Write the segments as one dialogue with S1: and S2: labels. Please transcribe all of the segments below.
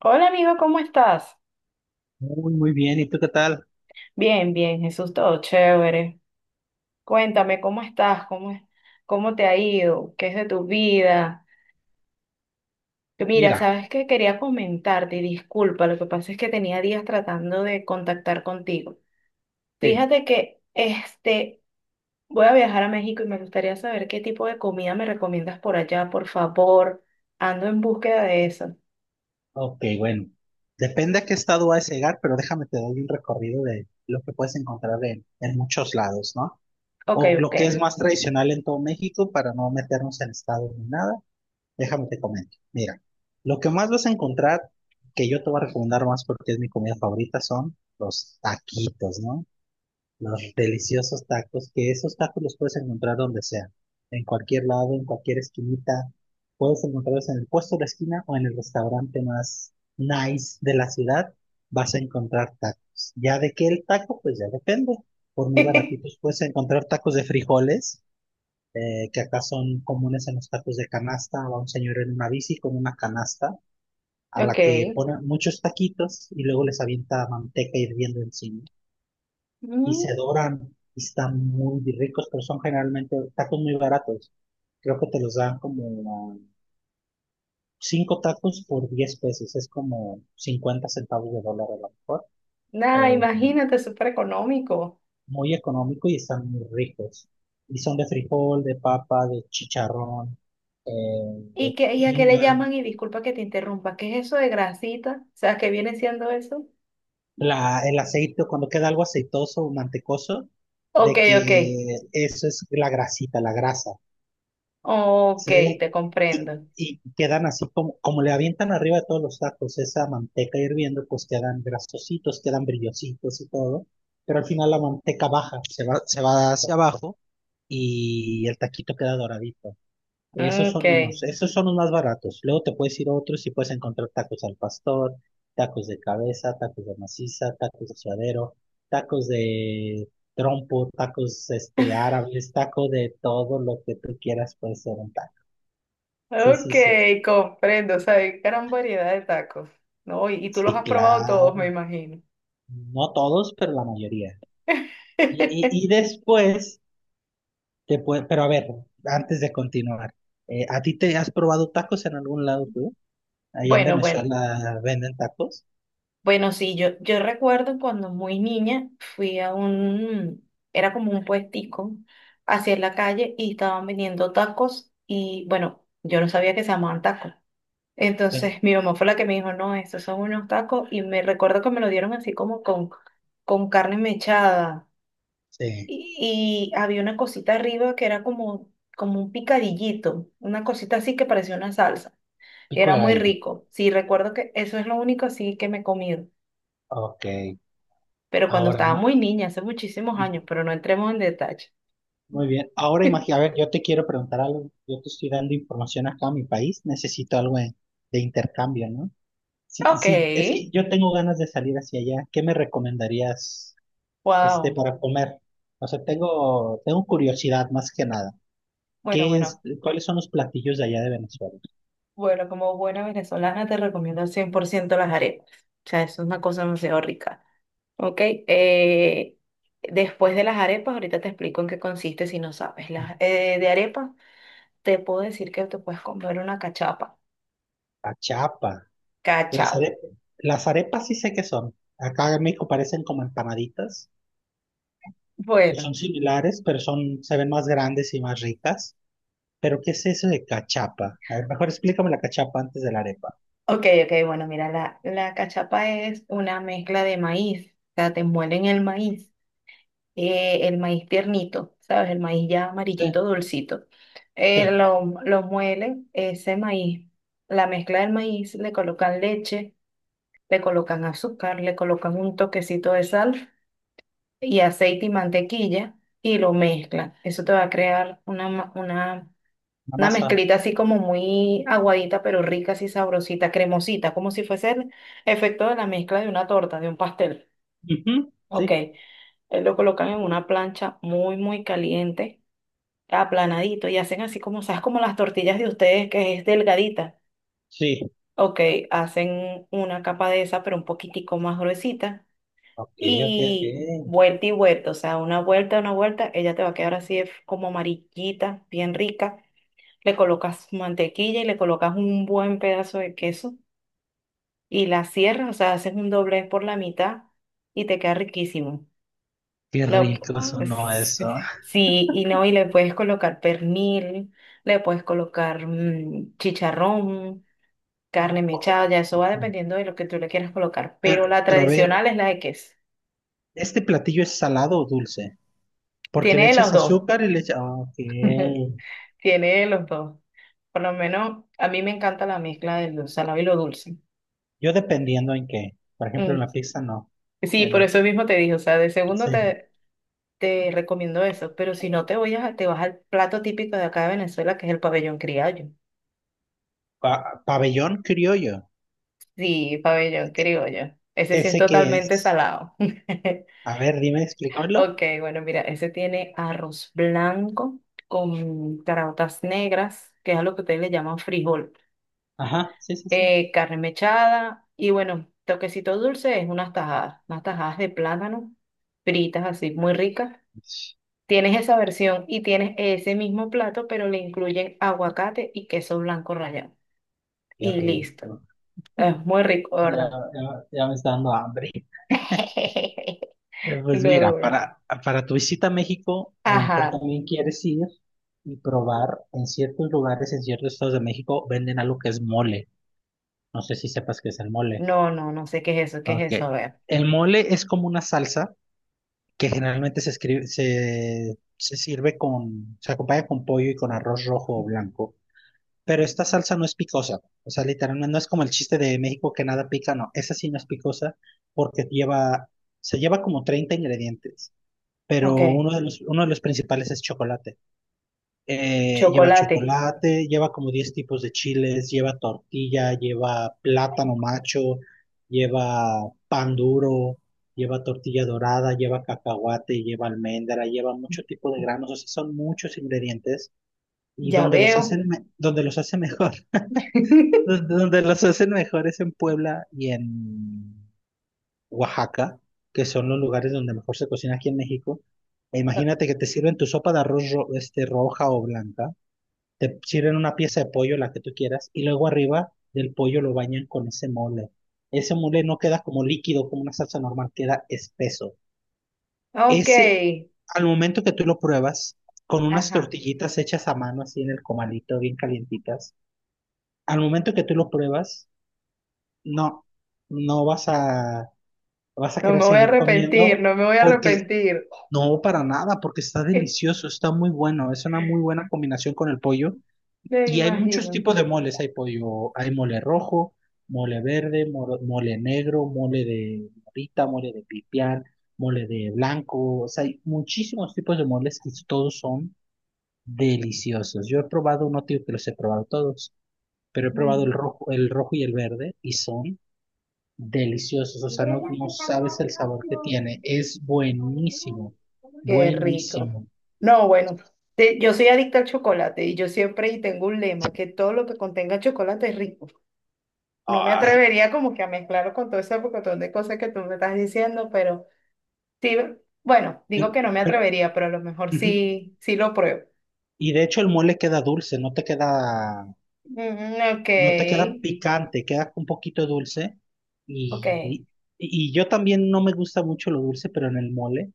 S1: Hola amigo, ¿cómo estás?
S2: Muy, muy bien. ¿Y tú qué tal?
S1: Bien, bien, Jesús, todo chévere. Cuéntame, ¿cómo estás? ¿Cómo te ha ido? ¿Qué es de tu vida? Que Mira,
S2: Mira,
S1: sabes que quería comentarte, y disculpa, lo que pasa es que tenía días tratando de contactar contigo.
S2: sí.
S1: Fíjate que este, voy a viajar a México y me gustaría saber qué tipo de comida me recomiendas por allá, por favor. Ando en búsqueda de eso.
S2: Ok, bueno. Depende a qué estado vas a llegar, pero déjame te doy un recorrido de lo que puedes encontrar en muchos lados, ¿no?
S1: Ok,
S2: O
S1: ok.
S2: lo que es más tradicional en todo México, para no meternos en estados ni nada, déjame te comento. Mira, lo que más vas a encontrar, que yo te voy a recomendar más porque es mi comida favorita, son los taquitos, ¿no? Los deliciosos tacos, que esos tacos los puedes encontrar donde sea, en cualquier lado, en cualquier esquinita. Puedes encontrarlos en el puesto de la esquina o en el restaurante más nice de la ciudad, vas a encontrar tacos. Ya de qué el taco, pues ya depende. Por muy baratitos puedes encontrar tacos de frijoles, que acá son comunes en los tacos de canasta. Va un señor en una bici con una canasta a
S1: Ok.
S2: la que pone muchos taquitos y luego les avienta manteca hirviendo encima y se
S1: Mm,
S2: doran y están muy ricos, pero son generalmente tacos muy baratos. Creo que te los dan como 5 tacos por 10 pesos, es como 50 centavos de dólar a lo mejor.
S1: nada,
S2: Eh,
S1: imagínate, súper económico.
S2: Muy económico y están muy ricos. Y son de frijol, de papa, de chicharrón, eh,
S1: ¿Y,
S2: de
S1: qué, y a qué le
S2: tinga.
S1: llaman? Y disculpa que te interrumpa, ¿qué es eso de grasita? O sea, ¿qué viene siendo eso?
S2: El aceite, cuando queda algo aceitoso o mantecoso,
S1: Ok,
S2: de
S1: ok,
S2: que eso es la grasita, la grasa.
S1: ok,
S2: Sí,
S1: te
S2: y,
S1: comprendo.
S2: y quedan así como, como le avientan arriba de todos los tacos esa manteca hirviendo, pues quedan grasositos, quedan brillositos y todo, pero al final la manteca baja, se va hacia abajo y el taquito queda doradito. Esos
S1: Ok,
S2: son unos, esos son los más baratos. Luego te puedes ir a otros y puedes encontrar tacos al pastor, tacos de cabeza, tacos de maciza, tacos de suadero, tacos de trompo, tacos árabes, taco de todo lo que tú quieras puede ser un. Sí, sí,
S1: ok,
S2: sí,
S1: comprendo. O sea, hay gran variedad de tacos, ¿no? Y tú los
S2: sí,
S1: has probado todos, me
S2: claro.
S1: imagino.
S2: No todos, pero la mayoría. Y después, pero a ver, antes de continuar, ¿a ti te has probado tacos en algún lado tú? Allá en
S1: Bueno, bueno,
S2: Venezuela venden tacos.
S1: bueno, sí, yo recuerdo cuando muy niña fui a un, era como un puestico hacia la calle y estaban vendiendo tacos y bueno, yo no sabía que se llamaban tacos.
S2: Sí,
S1: Entonces mi mamá fue la que me dijo, no, estos son unos tacos y me recuerdo que me lo dieron así como con carne mechada
S2: sí,
S1: y había una cosita arriba que era como un picadillito, una cosita así que parecía una salsa.
S2: pico
S1: Era
S2: de
S1: muy
S2: gallo.
S1: rico. Sí, recuerdo que eso es lo único así que me he comido,
S2: Ok.
S1: pero cuando
S2: Ahora,
S1: estaba muy niña, hace muchísimos años,
S2: ujú,
S1: pero no entremos en detalle.
S2: muy bien. Ahora imagina, a ver, yo te quiero preguntar algo. Yo te estoy dando información acá a mi país. Necesito algo de intercambio, ¿no? Sí,
S1: Ok,
S2: sí, es que yo tengo ganas de salir hacia allá. ¿Qué me recomendarías? este,
S1: wow.
S2: para comer. O sea, tengo curiosidad más que nada.
S1: Bueno,
S2: ¿Qué es,
S1: bueno,
S2: cuáles son los platillos de allá de Venezuela?
S1: bueno, como buena venezolana te recomiendo al 100% las arepas. O sea, eso es una cosa demasiado rica. Ok, eh, después de las arepas, ahorita te explico en qué consiste si no sabes. Las, de arepas, te puedo decir que te puedes comer una cachapa.
S2: Achapa. Las
S1: Cachapa.
S2: arepas, las arepas sí sé qué son. Acá en México parecen como empanaditas. Pues
S1: Bueno,
S2: son similares, pero se ven más grandes y más ricas. Pero ¿qué es eso de cachapa? A ver, mejor explícame la cachapa antes de la arepa.
S1: ok, ok, bueno, mira, la cachapa es una mezcla de maíz, o sea, te muelen el maíz tiernito, ¿sabes? El maíz ya
S2: Sí,
S1: amarillito, dulcito. Eh,
S2: sí,
S1: lo, lo muelen, ese maíz, la mezcla del maíz, le colocan leche, le colocan azúcar, le colocan un toquecito de sal y aceite y mantequilla y lo mezclan. Eso te va a crear una, ma- una,
S2: la
S1: una
S2: masa.
S1: mezclita así como muy aguadita, pero rica, así sabrosita, cremosita, como si fuese el efecto de la mezcla de una torta, de un pastel.
S2: Ujú,
S1: Ok,
S2: sí,
S1: lo colocan en una plancha muy, muy caliente, aplanadito, y hacen así como, ¿sabes? Como las tortillas de ustedes, que es delgadita.
S2: sí.
S1: Ok, hacen una capa de esa, pero un poquitico más gruesita.
S2: Ok, ok, ok.
S1: Y vuelta, o sea, una vuelta, ella te va a quedar así como amarillita, bien rica. Le colocas mantequilla y le colocas un buen pedazo de queso y la cierras, o sea, haces un doblez por la mitad y te queda riquísimo.
S2: Qué
S1: Lo-
S2: rico sonó eso.
S1: sí, y no, y le puedes colocar pernil, le puedes colocar chicharrón, carne mechada, ya eso va dependiendo de lo que tú le quieras colocar,
S2: Pero,
S1: pero la
S2: pero a ver,
S1: tradicional es la de queso.
S2: ¿este platillo es salado o dulce? Porque le
S1: Tiene de los
S2: echas
S1: dos.
S2: azúcar y le echas... Ok.
S1: Tiene los dos. Por lo menos a mí me encanta la mezcla de lo salado y lo dulce.
S2: Yo dependiendo en qué. Por ejemplo, en
S1: Mm.
S2: la pizza no.
S1: Sí, por
S2: El,
S1: eso mismo te dije, o sea, de segundo
S2: ese
S1: te recomiendo eso, pero si no te vas al plato típico de acá de Venezuela, que es el pabellón criollo.
S2: pabellón criollo.
S1: Sí, pabellón criollo. Ese sí es
S2: ¿Ese qué
S1: totalmente
S2: es?
S1: salado.
S2: A ver, dime, explícamelo.
S1: Ok, bueno, mira, ese tiene arroz blanco con caraotas negras, que es a lo que ustedes le llaman frijol.
S2: Ajá, sí, sí, sí.
S1: Eh, carne mechada y bueno, toquecito dulce es unas tajadas de plátano fritas así, muy ricas.
S2: Ush,
S1: Tienes esa versión y tienes ese mismo plato, pero le incluyen aguacate y queso blanco rallado.
S2: qué
S1: Y listo.
S2: rico.
S1: Es muy rico,
S2: Ya,
S1: ¿verdad?
S2: ya, ya me está dando hambre. Pues
S1: No,
S2: mira,
S1: bueno.
S2: para tu visita a México, a lo mejor
S1: Ajá.
S2: también quieres ir y probar en ciertos lugares, en ciertos estados de México, venden algo que es mole. No sé si sepas qué es el mole.
S1: No, no, no sé qué es eso, qué
S2: Ok.
S1: es eso. A ver.
S2: El mole es como una salsa que generalmente se escribe, se sirve con, se acompaña con pollo y con arroz rojo o blanco. Pero esta salsa no es picosa. O sea, literalmente no es como el chiste de México que nada pica, no. Esa sí no es picosa porque se lleva como 30 ingredientes. Pero
S1: Ok.
S2: uno de los principales es chocolate. Lleva
S1: Chocolate.
S2: chocolate, lleva como 10 tipos de chiles, lleva tortilla, lleva plátano macho, lleva pan duro, lleva tortilla dorada, lleva cacahuate, lleva almendra, lleva mucho tipo de granos, o sea, son muchos ingredientes y
S1: Ya veo.
S2: donde los hacen mejor, donde los hacen mejor es en Puebla y en Oaxaca, que son los lugares donde mejor se cocina aquí en México. E imagínate que te sirven tu sopa de arroz roja o blanca. Te sirven una pieza de pollo, la que tú quieras, y luego arriba del pollo lo bañan con ese mole. Ese mole no queda como líquido, como una salsa normal, queda espeso.
S1: Ok.
S2: Ese, Al momento que tú lo pruebas, con unas
S1: Ajá.
S2: tortillitas hechas a mano, así en el comalito, bien calientitas, al momento que tú lo pruebas, no, no vas a
S1: No
S2: querer
S1: me voy a
S2: seguir
S1: arrepentir,
S2: comiendo
S1: no me voy a
S2: porque...
S1: arrepentir.
S2: No, para nada, porque está delicioso, está muy bueno, es una muy buena combinación con el pollo.
S1: Me
S2: Y hay muchos
S1: imagino.
S2: tipos de moles, hay pollo, hay mole rojo, mole verde, mole negro, mole de morita, mole de pipián, mole de blanco, o sea, hay muchísimos tipos de moles que todos son deliciosos. Yo he probado, no digo que los he probado todos, pero he probado
S1: Mm.
S2: el rojo y el verde y son deliciosos, o sea, no sabes el sabor que tiene, es buenísimo,
S1: Qué rico.
S2: buenísimo.
S1: No, bueno, te- yo soy adicta al chocolate y yo siempre y tengo un lema, que todo lo que contenga chocolate es rico. No me
S2: Ay,
S1: atrevería como que a mezclarlo con todo ese pocotón de cosas que tú me estás diciendo, pero sí, bueno, digo
S2: pero,
S1: que no me
S2: pero,
S1: atrevería, pero a lo mejor
S2: ujú.
S1: sí, sí lo pruebo.
S2: Y de hecho el mole queda dulce, no te queda
S1: Mm, ok,
S2: picante, queda un poquito dulce.
S1: ok.
S2: Y, y- y yo también no me gusta mucho lo dulce, pero en el mole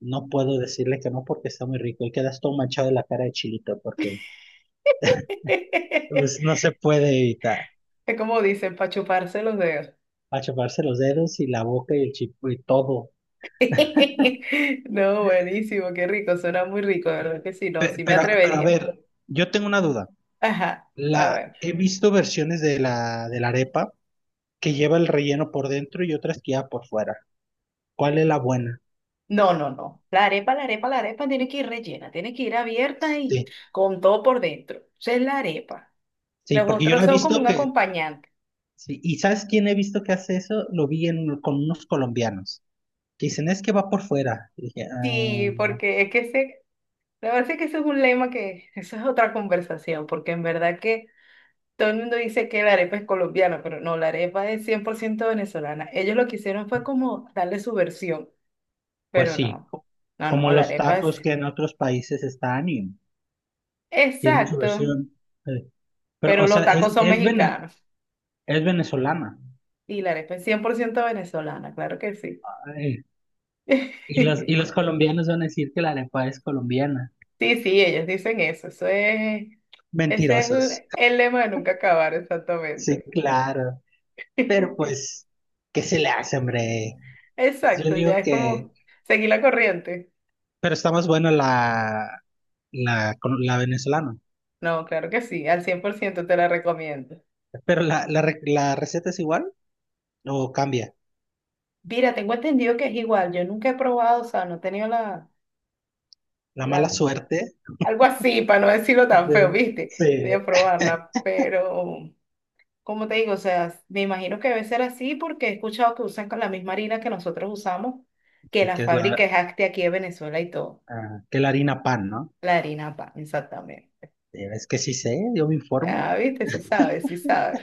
S2: no puedo decirle que no porque está muy rico y quedas todo manchado de la cara de chilito porque pues, no se puede evitar
S1: Es como dicen, para chuparse los dedos.
S2: achaparse los dedos y la boca y el chipo y todo.
S1: No, buenísimo, qué rico, suena muy rico, de verdad que sí, no,
S2: Pe-
S1: sí me
S2: Pero, pero, a
S1: atrevería.
S2: ver, yo tengo una duda.
S1: Ajá, a ver.
S2: He visto versiones de la arepa que lleva el relleno por dentro y otras que lleva por fuera. ¿Cuál es la buena?
S1: No, no, no. La arepa, la arepa, la arepa tiene que ir rellena, tiene que ir abierta y
S2: Sí,
S1: con todo por dentro. Esa es la arepa.
S2: sí,
S1: Los
S2: porque yo
S1: otros
S2: la he
S1: son como
S2: visto
S1: un
S2: que.
S1: acompañante.
S2: Sí, ¿y sabes quién he visto que hace eso? Lo vi con unos colombianos que dicen, es que va por fuera. Y dije,
S1: Sí,
S2: "Ah,
S1: porque es que ese, la verdad es que eso es un lema que, eso es otra conversación, porque en verdad que todo el mundo dice que la arepa es colombiana, pero no, la arepa es 100% venezolana. Ellos lo que hicieron fue como darle su versión.
S2: pues
S1: Pero
S2: sí,
S1: no, no,
S2: como
S1: no, la
S2: los
S1: arepa
S2: tacos
S1: es...
S2: que en otros países están y tienen su
S1: Exacto,
S2: versión." Eh, Pero,
S1: pero
S2: o
S1: los
S2: sea,
S1: tacos
S2: es,
S1: son
S2: es, vene-
S1: mexicanos
S2: es venezolana.
S1: y la arepa es 100% venezolana, claro que sí.
S2: Ay, y los, y los colombianos van a decir que la arepa es colombiana.
S1: Sí, sí, ellos dicen eso, eso es, ese es
S2: Mentirosos.
S1: el lema de nunca acabar,
S2: Sí,
S1: exactamente.
S2: claro. Pero pues, ¿qué se le hace, hombre? Yo
S1: Exacto, ya
S2: digo
S1: es
S2: que...
S1: como seguir la corriente.
S2: Pero está más buena la, la, la venezolana.
S1: No, claro que sí, al 100% te la recomiendo.
S2: Pero la receta es igual o cambia.
S1: Mira, tengo entendido que es igual, yo nunca he probado, o sea, no he tenido la,
S2: La mala
S1: la
S2: suerte.
S1: algo así, para no decirlo tan feo,
S2: De-
S1: ¿viste?
S2: se-
S1: De probarla, pero como te digo, o sea, me imagino que debe ser así porque he escuchado que usan con la misma harina que nosotros usamos, que
S2: de
S1: la
S2: que es
S1: fábrica
S2: la,
S1: es Acti aquí de Venezuela y todo.
S2: ah, que la harina pan, ¿no?
S1: La harina pan, exactamente.
S2: Es que sí sé, yo me informo.
S1: Ah, ¿viste? Sí sabes, sí sabes.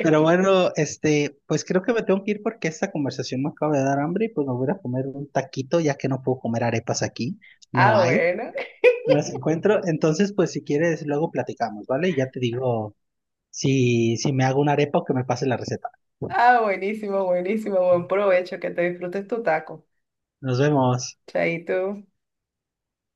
S2: Pero bueno, pues creo que me tengo que ir porque esta conversación me acaba de dar hambre y pues me voy a ir a comer un taquito ya que no puedo comer arepas aquí. No
S1: Ah,
S2: hay,
S1: bueno.
S2: no las encuentro. Entonces, pues si quieres, luego platicamos, ¿vale? Y ya te digo si me hago una arepa o que me pase la receta.
S1: Ah, buenísimo, buenísimo. Buen provecho, que te disfrutes tu taco.
S2: Nos vemos.
S1: Chaito.